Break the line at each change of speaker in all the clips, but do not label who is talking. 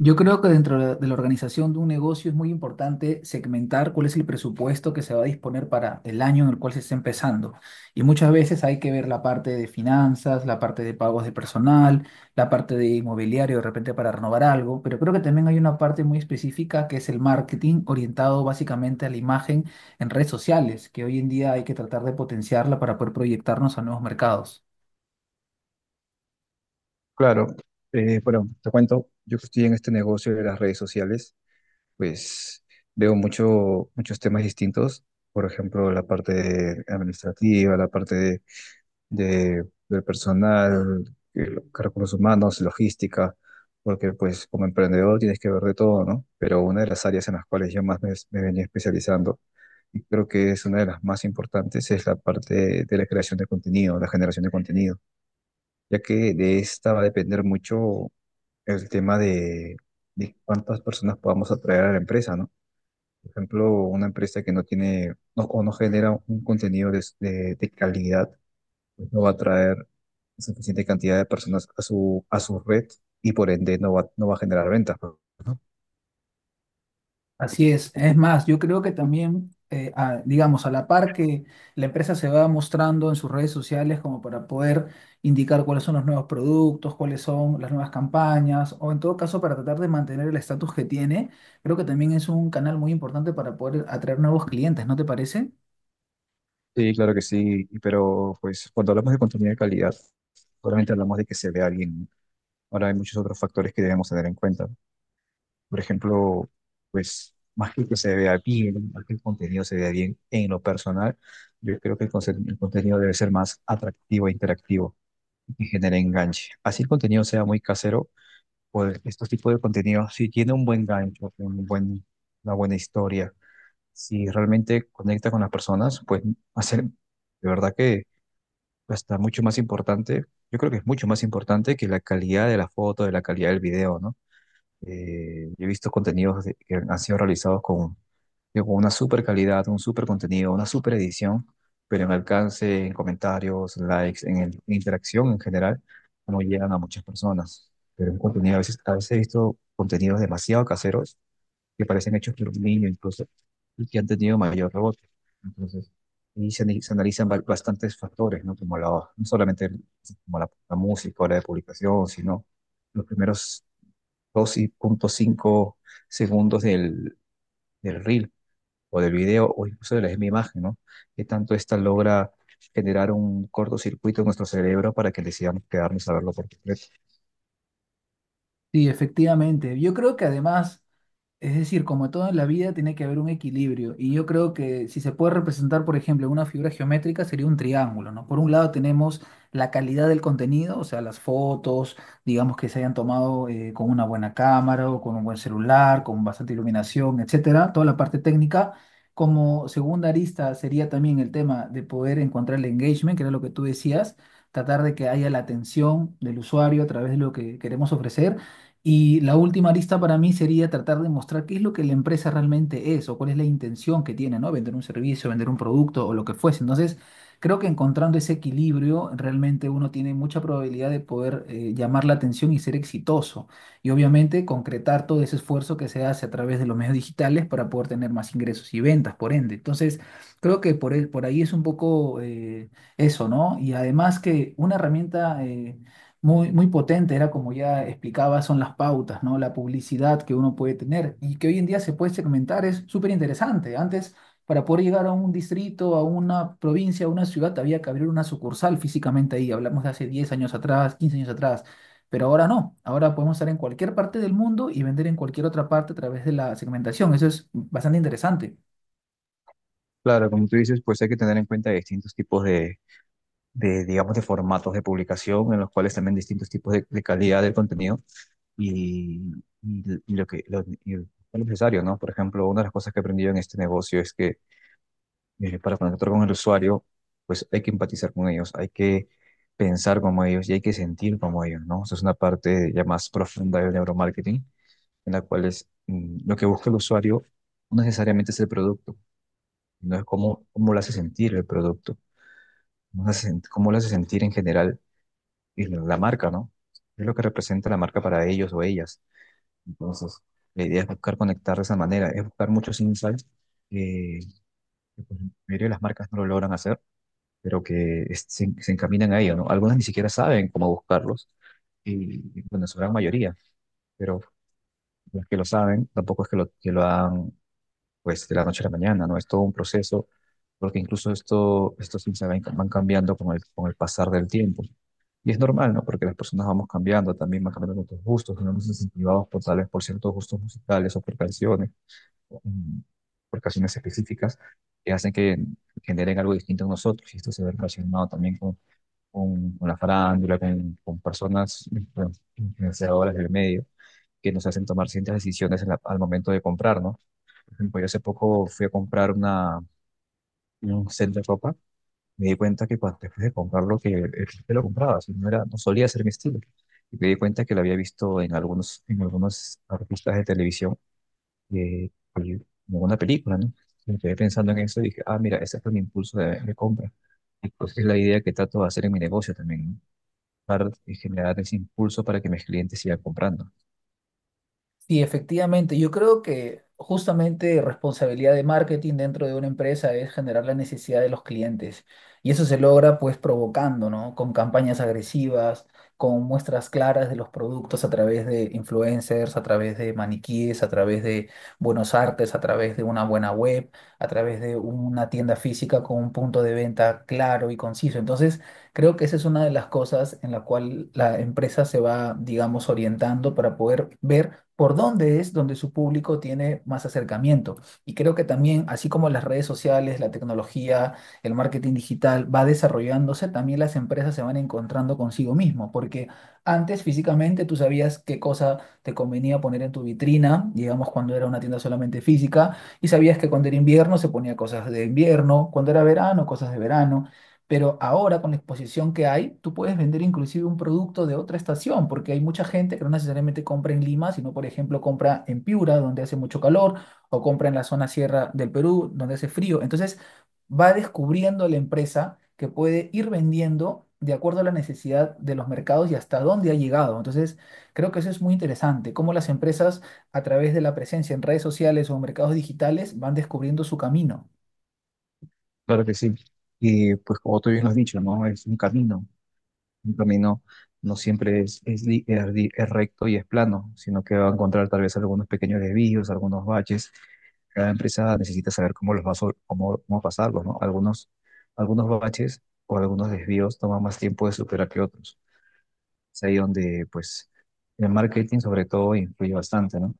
Yo creo que dentro de la organización de un negocio es muy importante segmentar cuál es el presupuesto que se va a disponer para el año en el cual se está empezando. Y muchas veces hay que ver la parte de finanzas, la parte de pagos de personal, la parte de inmobiliario de repente para renovar algo, pero creo que también hay una parte muy específica que es el marketing orientado básicamente a la imagen en redes sociales, que hoy en día hay que tratar de potenciarla para poder proyectarnos a nuevos mercados.
Claro, bueno, te cuento, yo que estoy en este negocio de las redes sociales, pues veo muchos temas distintos. Por ejemplo, la parte administrativa, la parte del personal, recursos humanos, logística, porque pues como emprendedor tienes que ver de todo, ¿no? Pero una de las áreas en las cuales yo más me venía especializando, y creo que es una de las más importantes, es la parte de la creación de contenido, la generación de contenido, ya que de esta va a depender mucho el tema de cuántas personas podamos atraer a la empresa, ¿no? Por ejemplo, una empresa que no tiene no, o no genera un contenido de calidad, pues no va a atraer suficiente cantidad de personas a su red, y por ende no va a generar ventas, ¿no?
Así es. Es más, yo creo que también, digamos, a la par que la empresa se va mostrando en sus redes sociales como para poder indicar cuáles son los nuevos productos, cuáles son las nuevas campañas, o en todo caso para tratar de mantener el estatus que tiene, creo que también es un canal muy importante para poder atraer nuevos clientes, ¿no te parece?
Sí, claro que sí, pero pues cuando hablamos de contenido de calidad, ¿solamente hablamos de que se vea bien? Ahora hay muchos otros factores que debemos tener en cuenta. Por ejemplo, pues más que se vea bien, más que el contenido se vea bien, en lo personal yo creo que el contenido debe ser más atractivo e interactivo y que genere enganche. Así el contenido sea muy casero, pues estos tipos de contenidos, si tiene un buen gancho, un buen, una buena historia, si realmente conecta con las personas, pues hacer, de verdad que está mucho más importante. Yo creo que es mucho más importante que la calidad de la foto, de la calidad del video, ¿no? Yo he visto contenidos que han sido realizados con, digo, con una super calidad, un super contenido, una super edición, pero en alcance, en comentarios, likes, en interacción en general, no llegan a muchas personas. Pero en contenido, a veces he visto contenidos demasiado caseros que parecen hechos por un niño incluso y que han tenido mayor rebote. Entonces, se analizan bastantes factores, ¿no? Como la, no solamente como la música o la de publicación, sino los primeros 2.5 segundos del reel o del video, o incluso de la misma imagen, ¿no? Que tanto esta logra generar un cortocircuito en nuestro cerebro para que decidamos quedarnos a verlo por completo.
Sí, efectivamente. Yo creo que además, es decir, como todo en la vida, tiene que haber un equilibrio. Y yo creo que si se puede representar, por ejemplo, en una figura geométrica, sería un triángulo, ¿no? Por un lado tenemos la calidad del contenido, o sea, las fotos, digamos que se hayan tomado con una buena cámara o con un buen celular, con bastante iluminación, etcétera, toda la parte técnica. Como segunda arista sería también el tema de poder encontrar el engagement, que era lo que tú decías, tratar de que haya la atención del usuario a través de lo que queremos ofrecer. Y la última arista para mí sería tratar de mostrar qué es lo que la empresa realmente es o cuál es la intención que tiene, ¿no? Vender un servicio, vender un producto o lo que fuese. Entonces, creo que encontrando ese equilibrio, realmente uno tiene mucha probabilidad de poder llamar la atención y ser exitoso. Y obviamente concretar todo ese esfuerzo que se hace a través de los medios digitales para poder tener más ingresos y ventas, por ende. Entonces, creo que por ahí es un poco eso, ¿no? Y además que una herramienta... muy potente, era como ya explicaba, son las pautas, ¿no? La publicidad que uno puede tener y que hoy en día se puede segmentar es súper interesante. Antes, para poder llegar a un distrito, a una provincia, a una ciudad, había que abrir una sucursal físicamente ahí. Hablamos de hace 10 años atrás, 15 años atrás, pero ahora no. Ahora podemos estar en cualquier parte del mundo y vender en cualquier otra parte a través de la segmentación. Eso es bastante interesante.
Claro, como tú dices, pues hay que tener en cuenta distintos tipos digamos, de formatos de publicación, en los cuales también distintos tipos de calidad del contenido, y, y lo que lo necesario, ¿no? Por ejemplo, una de las cosas que he aprendido en este negocio es que para conectar con el usuario, pues hay que empatizar con ellos, hay que pensar como ellos y hay que sentir como ellos, ¿no? Esa es una parte ya más profunda del neuromarketing, en la cual es, lo que busca el usuario no necesariamente es el producto, no es cómo lo hace sentir el producto, cómo lo hace sentir en general y la marca, ¿no? Es lo que representa la marca para ellos o ellas. Entonces, la idea es buscar conectar de esa manera, es buscar muchos insights que, pues, la mayoría de las marcas no lo logran hacer, pero que se encaminan a ello, ¿no? Algunas ni siquiera saben cómo buscarlos, bueno, su gran mayoría, pero los que lo saben tampoco es que lo hagan pues de la noche a la mañana, ¿no? Es todo un proceso, porque incluso estos índices van cambiando con el pasar del tiempo. Y es normal, ¿no? Porque las personas vamos cambiando, también van cambiando nuestros gustos, nos vamos incentivados por tal vez por ciertos gustos musicales o por canciones, mm, por canciones específicas que hacen que generen algo distinto en nosotros. Y esto se ve relacionado también con la farándula, con personas influenciadoras del medio que nos hacen tomar ciertas decisiones en al momento de comprar, ¿no? Por ejemplo, yo hace poco fui a comprar un set de ropa, me di cuenta que cuando después de comprarlo, que el que lo compraba, si no, era, no solía ser mi estilo. Y me di cuenta que lo había visto en algunos artistas de televisión, eh, y en alguna película, ¿no? Me quedé pensando en eso y dije, ah, mira, ese fue mi impulso de compra. Y pues es la idea que trato de hacer en mi negocio también, ¿no? Para generar ese impulso para que mis clientes sigan comprando.
Sí, efectivamente. Yo creo que justamente responsabilidad de marketing dentro de una empresa es generar la necesidad de los clientes. Y eso se logra pues provocando, ¿no? Con campañas agresivas, con muestras claras de los productos a través de influencers, a través de maniquíes, a través de buenos artes, a través de una buena web, a través de una tienda física con un punto de venta claro y conciso. Entonces, creo que esa es una de las cosas en la cual la empresa se va, digamos, orientando para poder ver por dónde es donde su público tiene más acercamiento. Y creo que también, así como las redes sociales, la tecnología, el marketing digital va desarrollándose, también las empresas se van encontrando consigo mismo, porque antes físicamente tú sabías qué cosa te convenía poner en tu vitrina, digamos cuando era una tienda solamente física, y sabías que cuando era invierno se ponía cosas de invierno, cuando era verano, cosas de verano. Pero ahora con la exposición que hay, tú puedes vender inclusive un producto de otra estación, porque hay mucha gente que no necesariamente compra en Lima, sino por ejemplo compra en Piura, donde hace mucho calor, o compra en la zona sierra del Perú, donde hace frío. Entonces va descubriendo la empresa que puede ir vendiendo de acuerdo a la necesidad de los mercados y hasta dónde ha llegado. Entonces creo que eso es muy interesante, cómo las empresas a través de la presencia en redes sociales o mercados digitales van descubriendo su camino.
Claro que sí. Y pues como tú bien lo has dicho, ¿no? Es un camino. Un camino no siempre es recto y es plano, sino que va a encontrar tal vez algunos pequeños desvíos, algunos baches. Cada empresa necesita saber cómo los va a, sol- cómo, cómo pasarlos, ¿no? Algunos baches o algunos desvíos toman más tiempo de superar que otros. Es ahí donde, pues, el marketing sobre todo influye bastante, ¿no?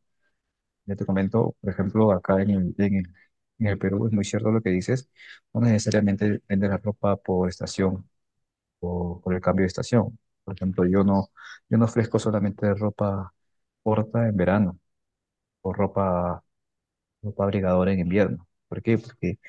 Ya te comento, por ejemplo, acá en el Perú es muy cierto lo que dices, no necesariamente vender la ropa por estación o por el cambio de estación. Por ejemplo, yo no ofrezco solamente ropa corta en verano o ropa abrigadora en invierno. ¿Por qué? Porque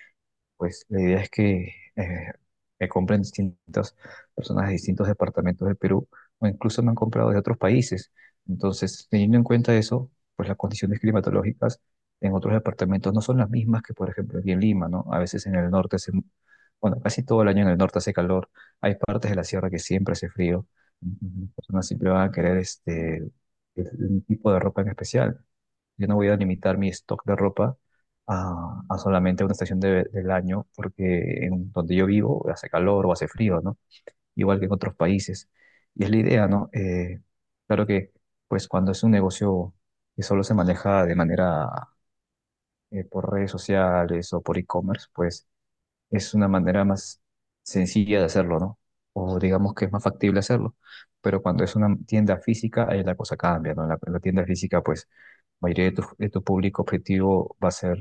pues la idea es que me compren distintas personas de distintos departamentos del Perú, o incluso me han comprado de otros países. Entonces, teniendo en cuenta eso, pues las condiciones climatológicas en otros departamentos no son las mismas que, por ejemplo, aquí en Lima, ¿no? A veces en el norte hace, bueno, casi todo el año en el norte hace calor. Hay partes de la sierra que siempre hace frío. Ujú. Las personas siempre van a querer este, un tipo de ropa en especial. Yo no voy a limitar mi stock de ropa a solamente una estación del año, porque en donde yo vivo hace calor o hace frío, ¿no? Igual que en otros países. Y es la idea, ¿no? Claro que, pues cuando es un negocio que solo se maneja de manera por redes sociales o por e-commerce, pues es una manera más sencilla de hacerlo, ¿no? O digamos que es más factible hacerlo. Pero cuando es una tienda física, ahí la cosa cambia, ¿no? En la tienda física, pues, la mayoría de tu público objetivo va a ser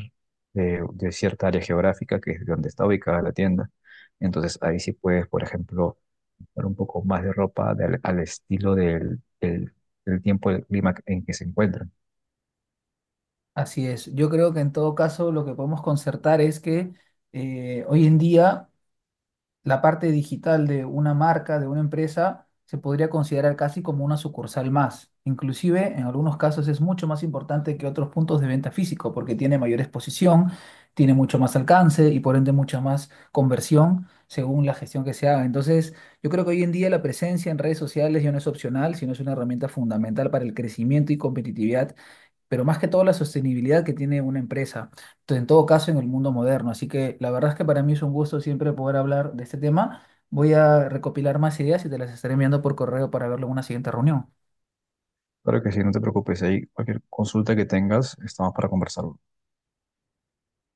de cierta área geográfica, que es donde está ubicada la tienda. Entonces, ahí sí puedes, por ejemplo, dar un poco más de ropa al estilo del tiempo, del clima en que se encuentran.
Así es. Yo creo que en todo caso lo que podemos concertar es que hoy en día la parte digital de una marca, de una empresa, se podría considerar casi como una sucursal más. Inclusive en algunos casos es mucho más importante que otros puntos de venta físico porque tiene mayor exposición, tiene mucho más alcance y por ende mucha más conversión según la gestión que se haga. Entonces, yo creo que hoy en día la presencia en redes sociales ya no es opcional, sino es una herramienta fundamental para el crecimiento y competitividad, pero más que todo la sostenibilidad que tiene una empresa, en todo caso en el mundo moderno. Así que la verdad es que para mí es un gusto siempre poder hablar de este tema. Voy a recopilar más ideas y te las estaré enviando por correo para verlo en una siguiente reunión.
Claro que sí, no te preocupes, ahí cualquier consulta que tengas, estamos para conversar.